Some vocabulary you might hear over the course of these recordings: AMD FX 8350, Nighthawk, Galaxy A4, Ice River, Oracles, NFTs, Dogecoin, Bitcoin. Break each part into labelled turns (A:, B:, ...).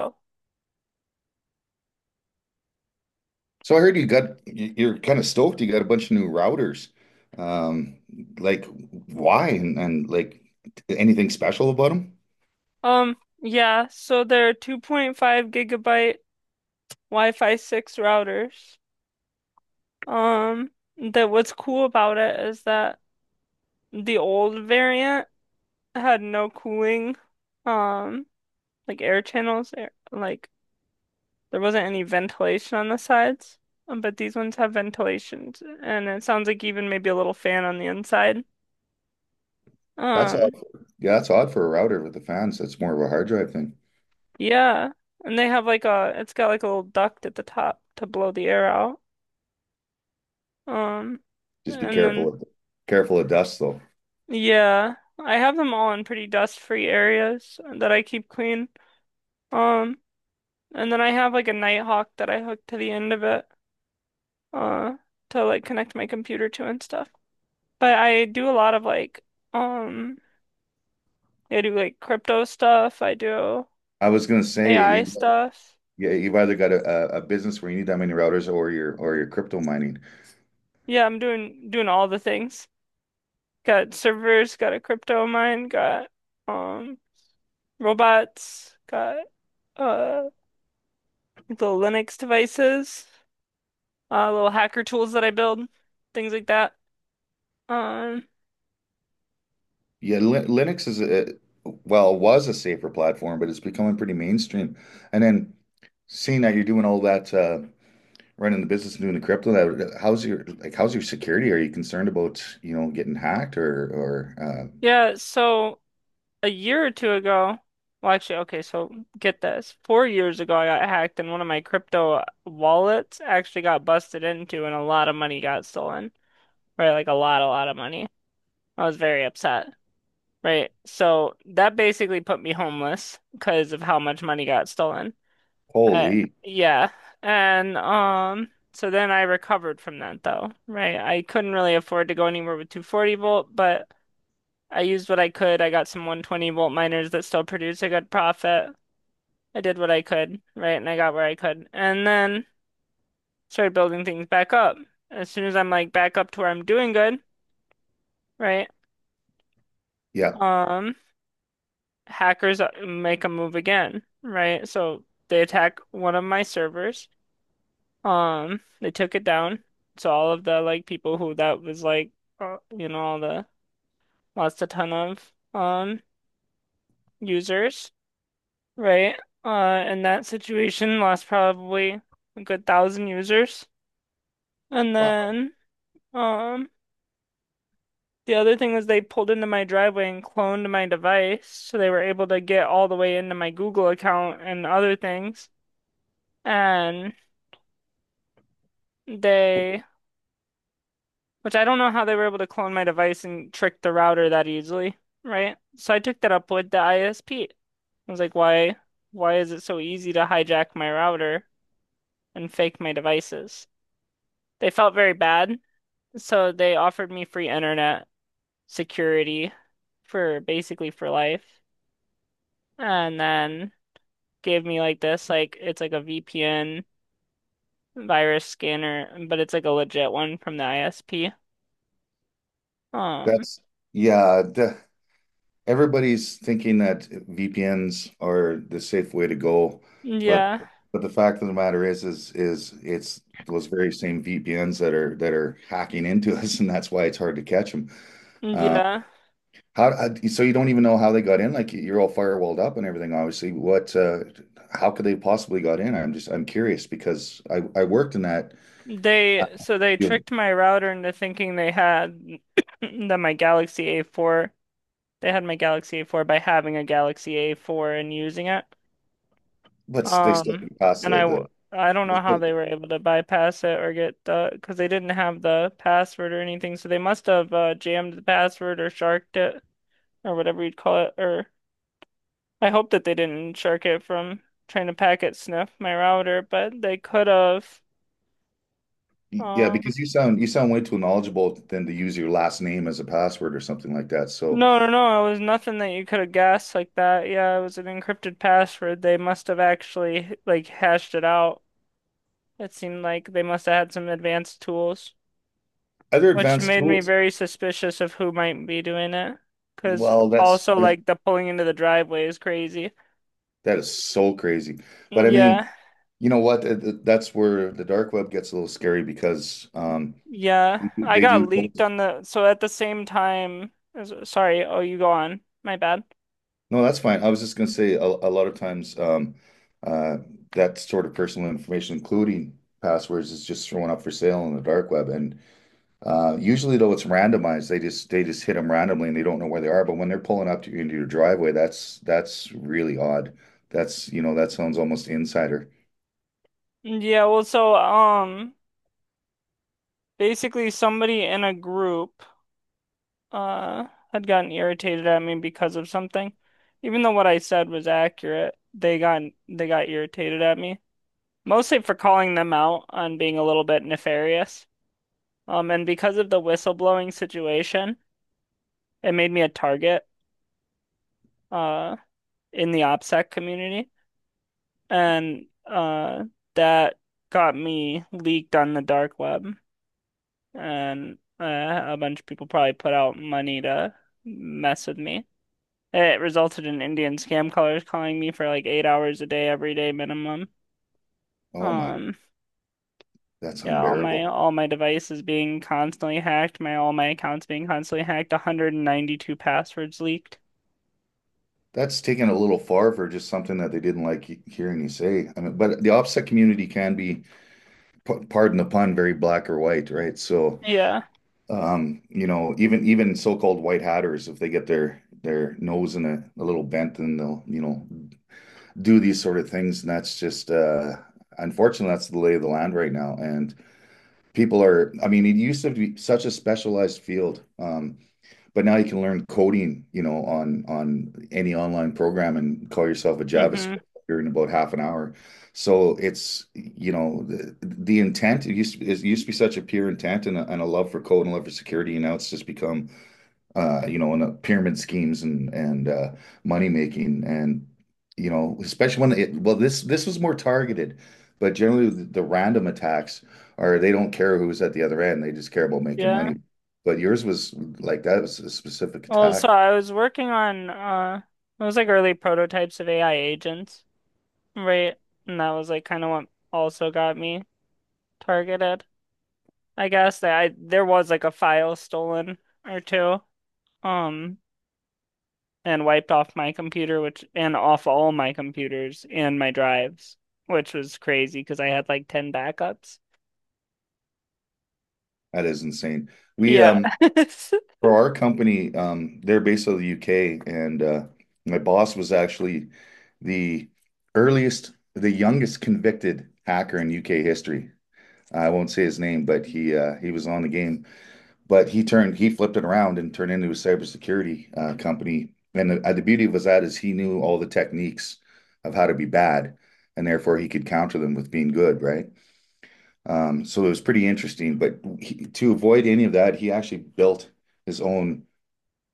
A: Oh.
B: So I heard you got you're kind of stoked. You got a bunch of new routers. Um, like why and like anything special about them?
A: Yeah, so they're 2.5 gigabyte Wi-Fi 6 routers. Um, that what's cool about it is that the old variant had no cooling, um, like air channels, like there wasn't any ventilation on the sides. But these ones have ventilations, and it sounds like even maybe a little fan on the inside.
B: That's odd.
A: Um,
B: Yeah, that's odd for a router with the fans. That's more of a hard drive thing.
A: yeah, and they have like it's got like a little duct at the top to blow the air out. Um,
B: Just be
A: and then
B: careful of dust though.
A: yeah, I have them all in pretty dust-free areas that I keep clean. Um, and then I have like a Nighthawk that I hook to the end of it, uh, to like connect my computer to and stuff. But I do a lot of like, um, I do like crypto stuff. I do
B: I was gonna
A: AI
B: say
A: stuff.
B: yeah, you've either got a business where you need that many routers or you're crypto mining.
A: Yeah, I'm doing all the things. Got servers, got a crypto mine, got um robots, got uh little Linux devices, little hacker tools that I build, things like that. Um,
B: Yeah, Linux is a well, was a safer platform, but it's becoming pretty mainstream. And then seeing that you're doing all that running the business and doing the crypto, that how's your how's your security? Are you concerned about, you know, getting hacked or uh,
A: yeah, so a year or two ago, well, actually, okay, so get this. 4 years ago, I got hacked, and one of my crypto wallets actually got busted into, and a lot of money got stolen, right? Like a lot of money. I was very upset, right? So that basically put me homeless because of how much money got stolen. Uh,
B: holy,
A: yeah. And so then I recovered from that though, right? I couldn't really afford to go anywhere with 240 volt, but I used what I could. I got some 120 volt miners that still produce a good profit. I did what I could, right? And I got where I could. And then started building things back up. As soon as I'm like back up to where I'm doing good, right?
B: yeah,
A: Um Hackers make a move again, right? So they attack one of my servers. They took it down. So all of the like people who that was like, all the lost a ton of users, right? In that situation, lost probably a good thousand users. And
B: wow.
A: then, um, the other thing was they pulled into my driveway and cloned my device, so they were able to get all the way into my Google account and other things. And they Which I don't know how they were able to clone my device and trick the router that easily, right? So I took that up with the ISP. I was like, why is it so easy to hijack my router and fake my devices? They felt very bad, so they offered me free internet security for basically for life, and then gave me like this, like it's like a VPN virus scanner, but it's like a legit one from the ISP. Um,
B: That's yeah, everybody's thinking that VPNs are the safe way to go, but
A: yeah,
B: but the fact of the matter is it's those very same VPNs that are hacking into us, and that's why it's hard to catch them.
A: yeah.
B: How, so you don't even know how they got in? Like you're all firewalled up and everything, obviously. What, how could they possibly got in? I'm just, I'm curious because I worked in that
A: They so they
B: field,
A: tricked my router into thinking they had that my Galaxy A4, they had my Galaxy A4 by having a Galaxy A4 and using it.
B: but they still
A: Um,
B: didn't pass
A: and I w- I don't
B: they
A: know how they were able to bypass it or get the because they didn't have the password or anything, so they must have jammed the password or sharked it or whatever you'd call it. Or I hope that they didn't shark it from trying to packet sniff my router, but they could have.
B: yeah,
A: um,
B: because you sound way too knowledgeable than to use your last name as a password or something like that. So
A: No, no, no. It was nothing that you could have guessed like that. Yeah, it was an encrypted password. They must have actually like hashed it out. It seemed like they must have had some advanced tools,
B: other
A: which
B: advanced
A: made me
B: tools,
A: very suspicious of who might be doing it. Because
B: well,
A: also like the pulling into the driveway is crazy.
B: that is so crazy. But I mean,
A: Yeah,
B: you know what? That's where the dark web gets a little scary because
A: yeah. I
B: they
A: got
B: do
A: leaked on the so at the same time as sorry. Oh, you go on. My bad.
B: No, that's fine. I was just going to say a lot of times uh, that sort of personal information, including passwords, is just thrown up for sale on the dark web. And usually, though, it's randomized. They just hit them randomly, and they don't know where they are. But when they're pulling up to you into your driveway, that's really odd. That's you know that sounds almost insider.
A: Yeah, well, so basically somebody in a group. uh Had gotten irritated at me because of something. Even though what I said was accurate, they got irritated at me. Mostly for calling them out on being a little bit nefarious. And because of the whistleblowing situation, it made me a target uh in the OPSEC community. And that got me leaked on the dark web. And a bunch of people probably put out money to mess with me. It resulted in Indian scam callers calling me for like 8 hours a day, every day minimum.
B: Oh my,
A: Um,
B: that's
A: yeah, all my
B: unbearable.
A: all my devices being constantly hacked, my all my accounts being constantly hacked, 192 passwords leaked.
B: That's taken a little far for just something that they didn't like hearing you say. I mean, but the OPSEC community can be, pardon the pun, very black or white, right? So.
A: Yeah.
B: You know, even even so-called white hatters, if they get their nose in a little bent, then they'll, you know, do these sort of things. And that's just unfortunately that's the lay of the land right now. And people are, I mean, it used to be such a specialized field. But now you can learn coding, you know, on any online program and call yourself a JavaScript
A: Hmm.
B: in about half an hour. So it's, you know, the intent it used to be such a pure intent and and a love for code and a love for security, and now it's just become you know, in the pyramid schemes and money making, and you know, especially when it, well, this was more targeted, but generally the random attacks are they don't care who's at the other end, they just care about making
A: Yeah.
B: money. But yours was like that was a specific
A: Well, so
B: attack.
A: I was working on it was like early prototypes of AI agents, right? And that was like kind of what also got me targeted. I guess that I there was like a file stolen or two. Um, and wiped off my computer, which and off all my computers and my drives, which was crazy because I had like 10 backups.
B: That is insane. We
A: Yeah.
B: for our company, they're based out of the UK, and my boss was actually the earliest, the youngest convicted hacker in UK history. I won't say his name, but he was on the game. But he flipped it around and turned into a cybersecurity company. And the beauty was that is he knew all the techniques of how to be bad, and therefore he could counter them with being good, right? So it was pretty interesting. But he, to avoid any of that, he actually built his own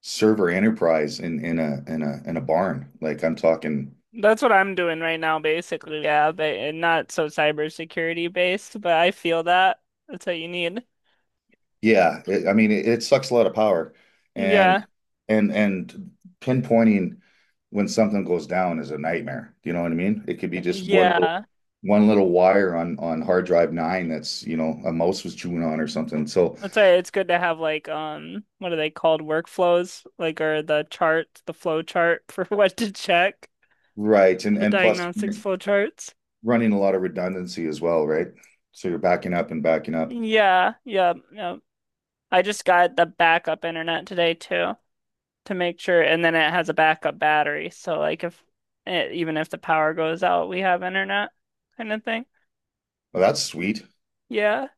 B: server enterprise in a barn. Like I'm talking
A: That's what I'm doing right now, basically. Yeah, but and not so cybersecurity based, but I feel that. That's what you need.
B: Yeah, it, I mean, it sucks a lot of power, and
A: Yeah.
B: and pinpointing when something goes down is a nightmare. Do you know what I mean? It could be just
A: Yeah.
B: one little wire on hard drive nine that's, you know, a mouse was chewing on or something. So,
A: That's why it's good to have like what are they called? Workflows, like or the chart, the flow chart for what to check,
B: right,
A: the
B: and plus
A: diagnostics flow charts.
B: running a lot of redundancy as well, right? So you're backing up and backing up.
A: Yeah, yeah, yeah. I just got the backup internet today too to make sure, and then it has a backup battery. So like if it, even if the power goes out, we have internet kind of thing.
B: Well, that's sweet.
A: Yeah.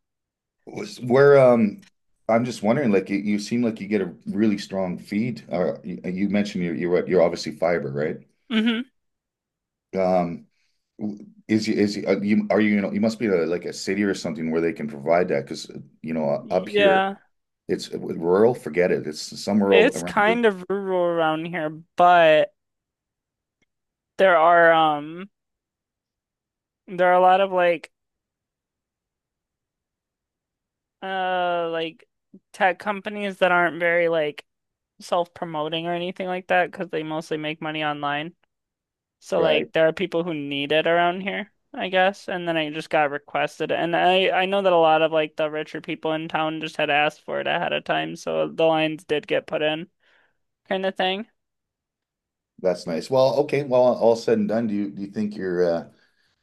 B: Where I'm just wondering, like you seem like you get a really strong feed. You, you mentioned you're obviously fiber, right?
A: Hmm.
B: Um, is you, you know you must be a, like a city or something where they can provide that because you know up here
A: Yeah.
B: it's rural, forget it. It's some rural
A: It's
B: around here,
A: kind of rural around here, but there are um there are a lot of like uh like tech companies that aren't very like self-promoting or anything like that because they mostly make money online. So like
B: right?
A: there are people who need it around here, I guess. And then I just got requested. It. And I know that a lot of like the richer people in town just had asked for it ahead of time, so the lines did get put in, kind of thing.
B: That's nice. Well, okay. Well, all said and done, do you think you're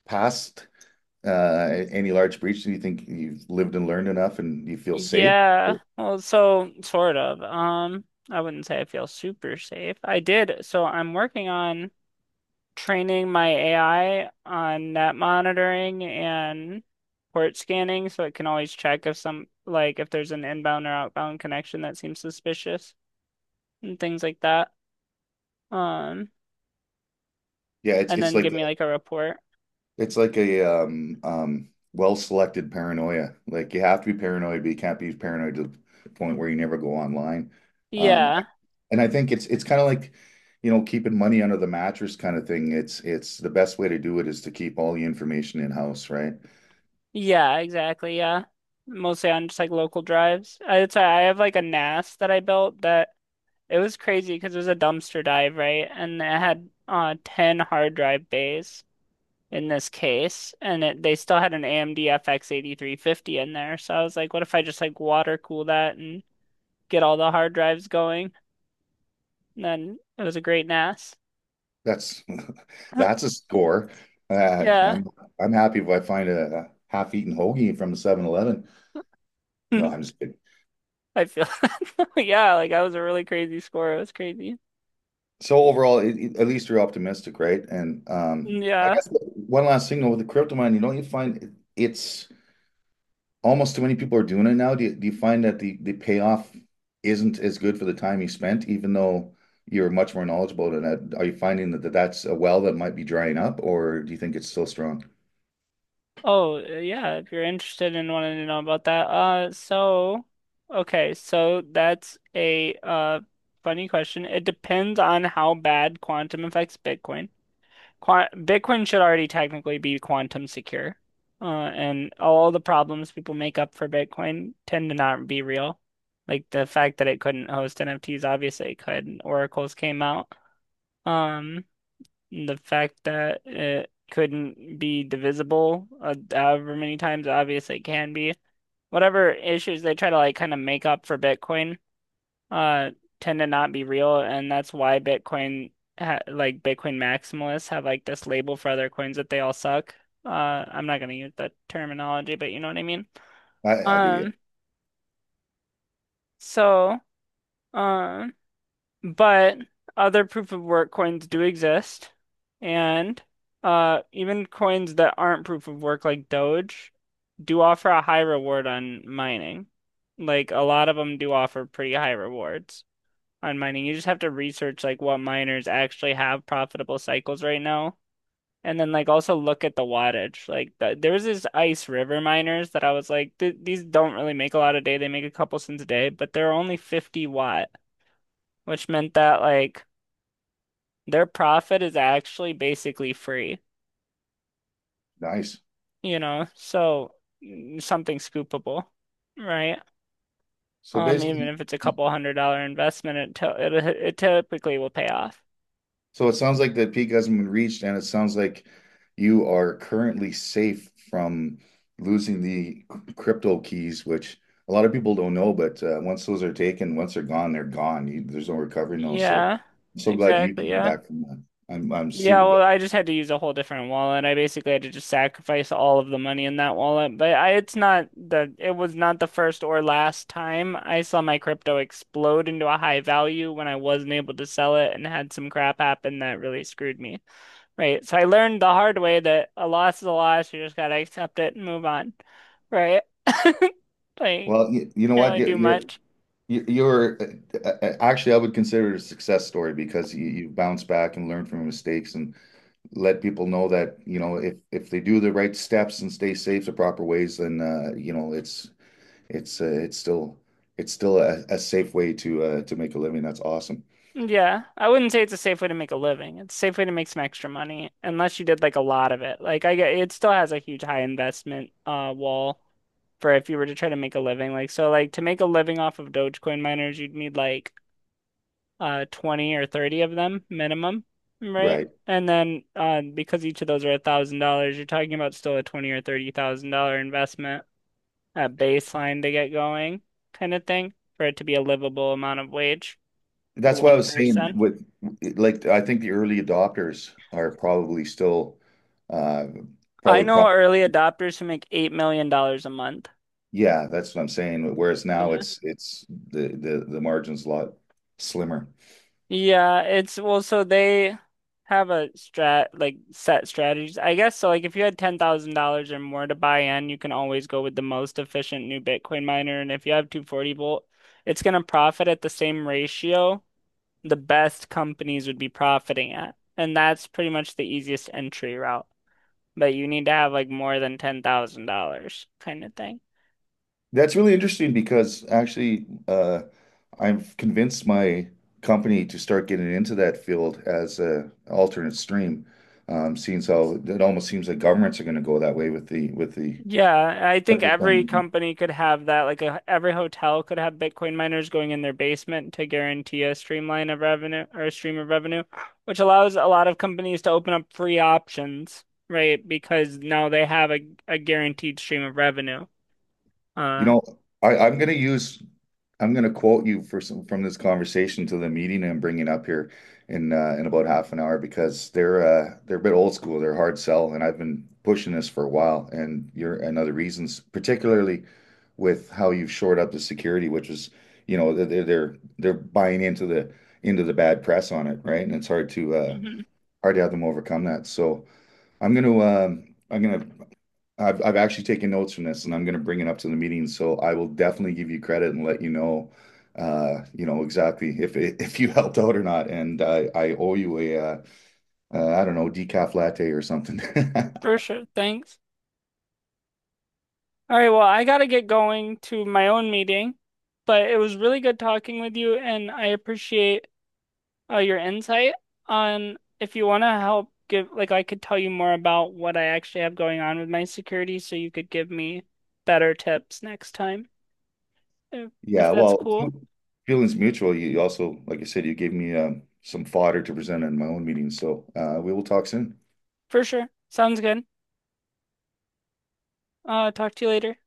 B: past any large breach? Do you think you've lived and learned enough, and you feel safe?
A: Yeah. Well, so sort of. I wouldn't say I feel super safe. I did. So I'm working on training my AI on net monitoring and port scanning so it can always check if some like if there's an inbound or outbound connection that seems suspicious. And things like that. Um,
B: Yeah, it's
A: and then give me like a report.
B: it's like a well-selected paranoia. Like you have to be paranoid, but you can't be paranoid to the point where you never go online. Um,
A: Yeah.
B: And I think it's kind of like, you know, keeping money under the mattress kind of thing. It's the best way to do it is to keep all the information in-house, right?
A: Yeah, exactly. Yeah. Mostly on just like local drives. I have like a NAS that I built that it was crazy because it was a dumpster dive, right? And it had 10 hard drive bays in this case, and they still had an AMD FX 8350 in there. So I was like, what if I just like water cool that and get all the hard drives going? And then it was a great NAS.
B: That's that's a score. Uh,
A: Yeah.
B: I'm I'm happy if I find a half-eaten hoagie from a 7-Eleven. No, I'm just kidding.
A: I feel yeah, like that was a really crazy score. It was crazy.
B: So overall, at least you're optimistic, right? And
A: Mm,
B: I
A: yeah.
B: guess one last thing though, with the crypto mine, you know, it's almost too many people are doing it now. Do you find that the payoff isn't as good for the time you spent, even though you're much more knowledgeable than that? Are you finding that, that's a well that might be drying up, or do you think it's still strong?
A: Oh, yeah, if you're interested in wanting to know about that. So okay, so that's a funny question. It depends on how bad quantum affects Bitcoin. Quant Bitcoin should already technically be quantum secure. Uh and all the problems people make up for Bitcoin tend to not be real. Like the fact that it couldn't host NFTs, obviously it could. Oracles came out. Um The fact that it couldn't be divisible, however many times it obviously it can be. Whatever issues they try to like kind of make up for Bitcoin, uh, tend to not be real, and that's why Bitcoin ha like Bitcoin maximalists have like this label for other coins that they all suck. Uh, I'm not gonna use that terminology, but you know what I mean.
B: I do, yeah.
A: Um, so, um. But other proof of work coins do exist, and even coins that aren't proof of work, like Doge, do offer a high reward on mining. Like a lot of them do offer pretty high rewards on mining. You just have to research like what miners actually have profitable cycles right now, and then like also look at the wattage. There was this Ice River miners that I was like, These don't really make a lot a day. They make a couple cents a day, but they're only 50-watt, which meant that like their profit is actually basically free,
B: Nice.
A: so something scoopable, right?
B: So
A: Even
B: basically,
A: if it's a couple $100 investment, it typically will pay off.
B: so it sounds like the peak hasn't been reached, and it sounds like you are currently safe from losing the crypto keys, which a lot of people don't know. But once those are taken, once they're gone, they're gone. You, there's no recovering those. So
A: Yeah,
B: I'm so glad you
A: exactly.
B: came
A: Yeah.
B: back from that. I'm
A: Yeah,
B: super
A: well,
B: glad.
A: I just had to use a whole different wallet. I basically had to just sacrifice all of the money in that wallet. But I, it's not the, it was not the first or last time I saw my crypto explode into a high value when I wasn't able to sell it and had some crap happen that really screwed me. Right? So I learned the hard way that a loss is a loss. You just gotta accept it and move on, right? Like,
B: Well, you know
A: can't
B: what?
A: really do much.
B: You're actually I would consider it a success story because you bounce back and learn from your mistakes and let people know that you know if they do the right steps and stay safe the proper ways then you know it's it's still a safe way to make a living that's awesome
A: Yeah, I wouldn't say it's a safe way to make a living. It's a safe way to make some extra money, unless you did like a lot of it. Like I get, it still has a huge high investment wall for if you were to try to make a living. Like so, like to make a living off of Dogecoin miners, you'd need like 20 or 30 of them minimum, right?
B: right
A: And then because each of those are $1,000, you're talking about still a 20 or 30 thousand dollar investment at baseline to get going kind of thing for it to be a livable amount of wage for
B: that's what I
A: one
B: was saying
A: person.
B: with like I think the early adopters are probably still uh
A: I
B: probably
A: know
B: pro
A: early adopters who make $8 million a month.
B: yeah that's what I'm saying whereas now
A: Yeah.
B: it's the margin's a lot slimmer.
A: Yeah, it's well, so they have a strat like set strategies. I guess so like if you had $10,000 or more to buy in, you can always go with the most efficient new Bitcoin miner and if you have 240 volt, it's going to profit at the same ratio the best companies would be profiting at. And that's pretty much the easiest entry route. But you need to have like more than $10,000 kind of thing.
B: That's really interesting because actually, I'm convinced my company to start getting into that field as a alternate stream. Seeing as how it almost seems like governments are going to go that way with the
A: Yeah, I think every company could have that. Every hotel could have Bitcoin miners going in their basement to guarantee a streamline of revenue or a stream of revenue, which allows a lot of companies to open up free options, right? Because now they have a guaranteed stream of revenue.
B: You
A: Uh,
B: know, I, I'm gonna use I'm gonna quote you for some from this conversation to the meeting I'm bringing up here in about half an hour because they're a bit old school. They're hard sell, and I've been pushing this for a while. And you're and other reasons, particularly with how you've shored up the security, which is you know they're buying into the bad press on it, right? And it's hard to
A: mhm,
B: hard to have them overcome that. So I'm gonna um, I'm gonna I've actually taken notes from this, and I'm going to bring it up to the meeting. So I will definitely give you credit and let you know exactly if it, if you helped out or not. And I owe you a I don't know decaf latte or something.
A: for sure. Thanks. All right, well, I gotta get going to my own meeting, but it was really good talking with you, and I appreciate Oh, your insight on if you want to help give, like, I could tell you more about what I actually have going on with my security so you could give me better tips next time, if, if
B: Yeah,
A: that's
B: well,
A: cool.
B: feelings mutual. You also, like I said, you gave me some fodder to present in my own meeting. So we will talk soon.
A: For sure. Sounds good. Talk to you later.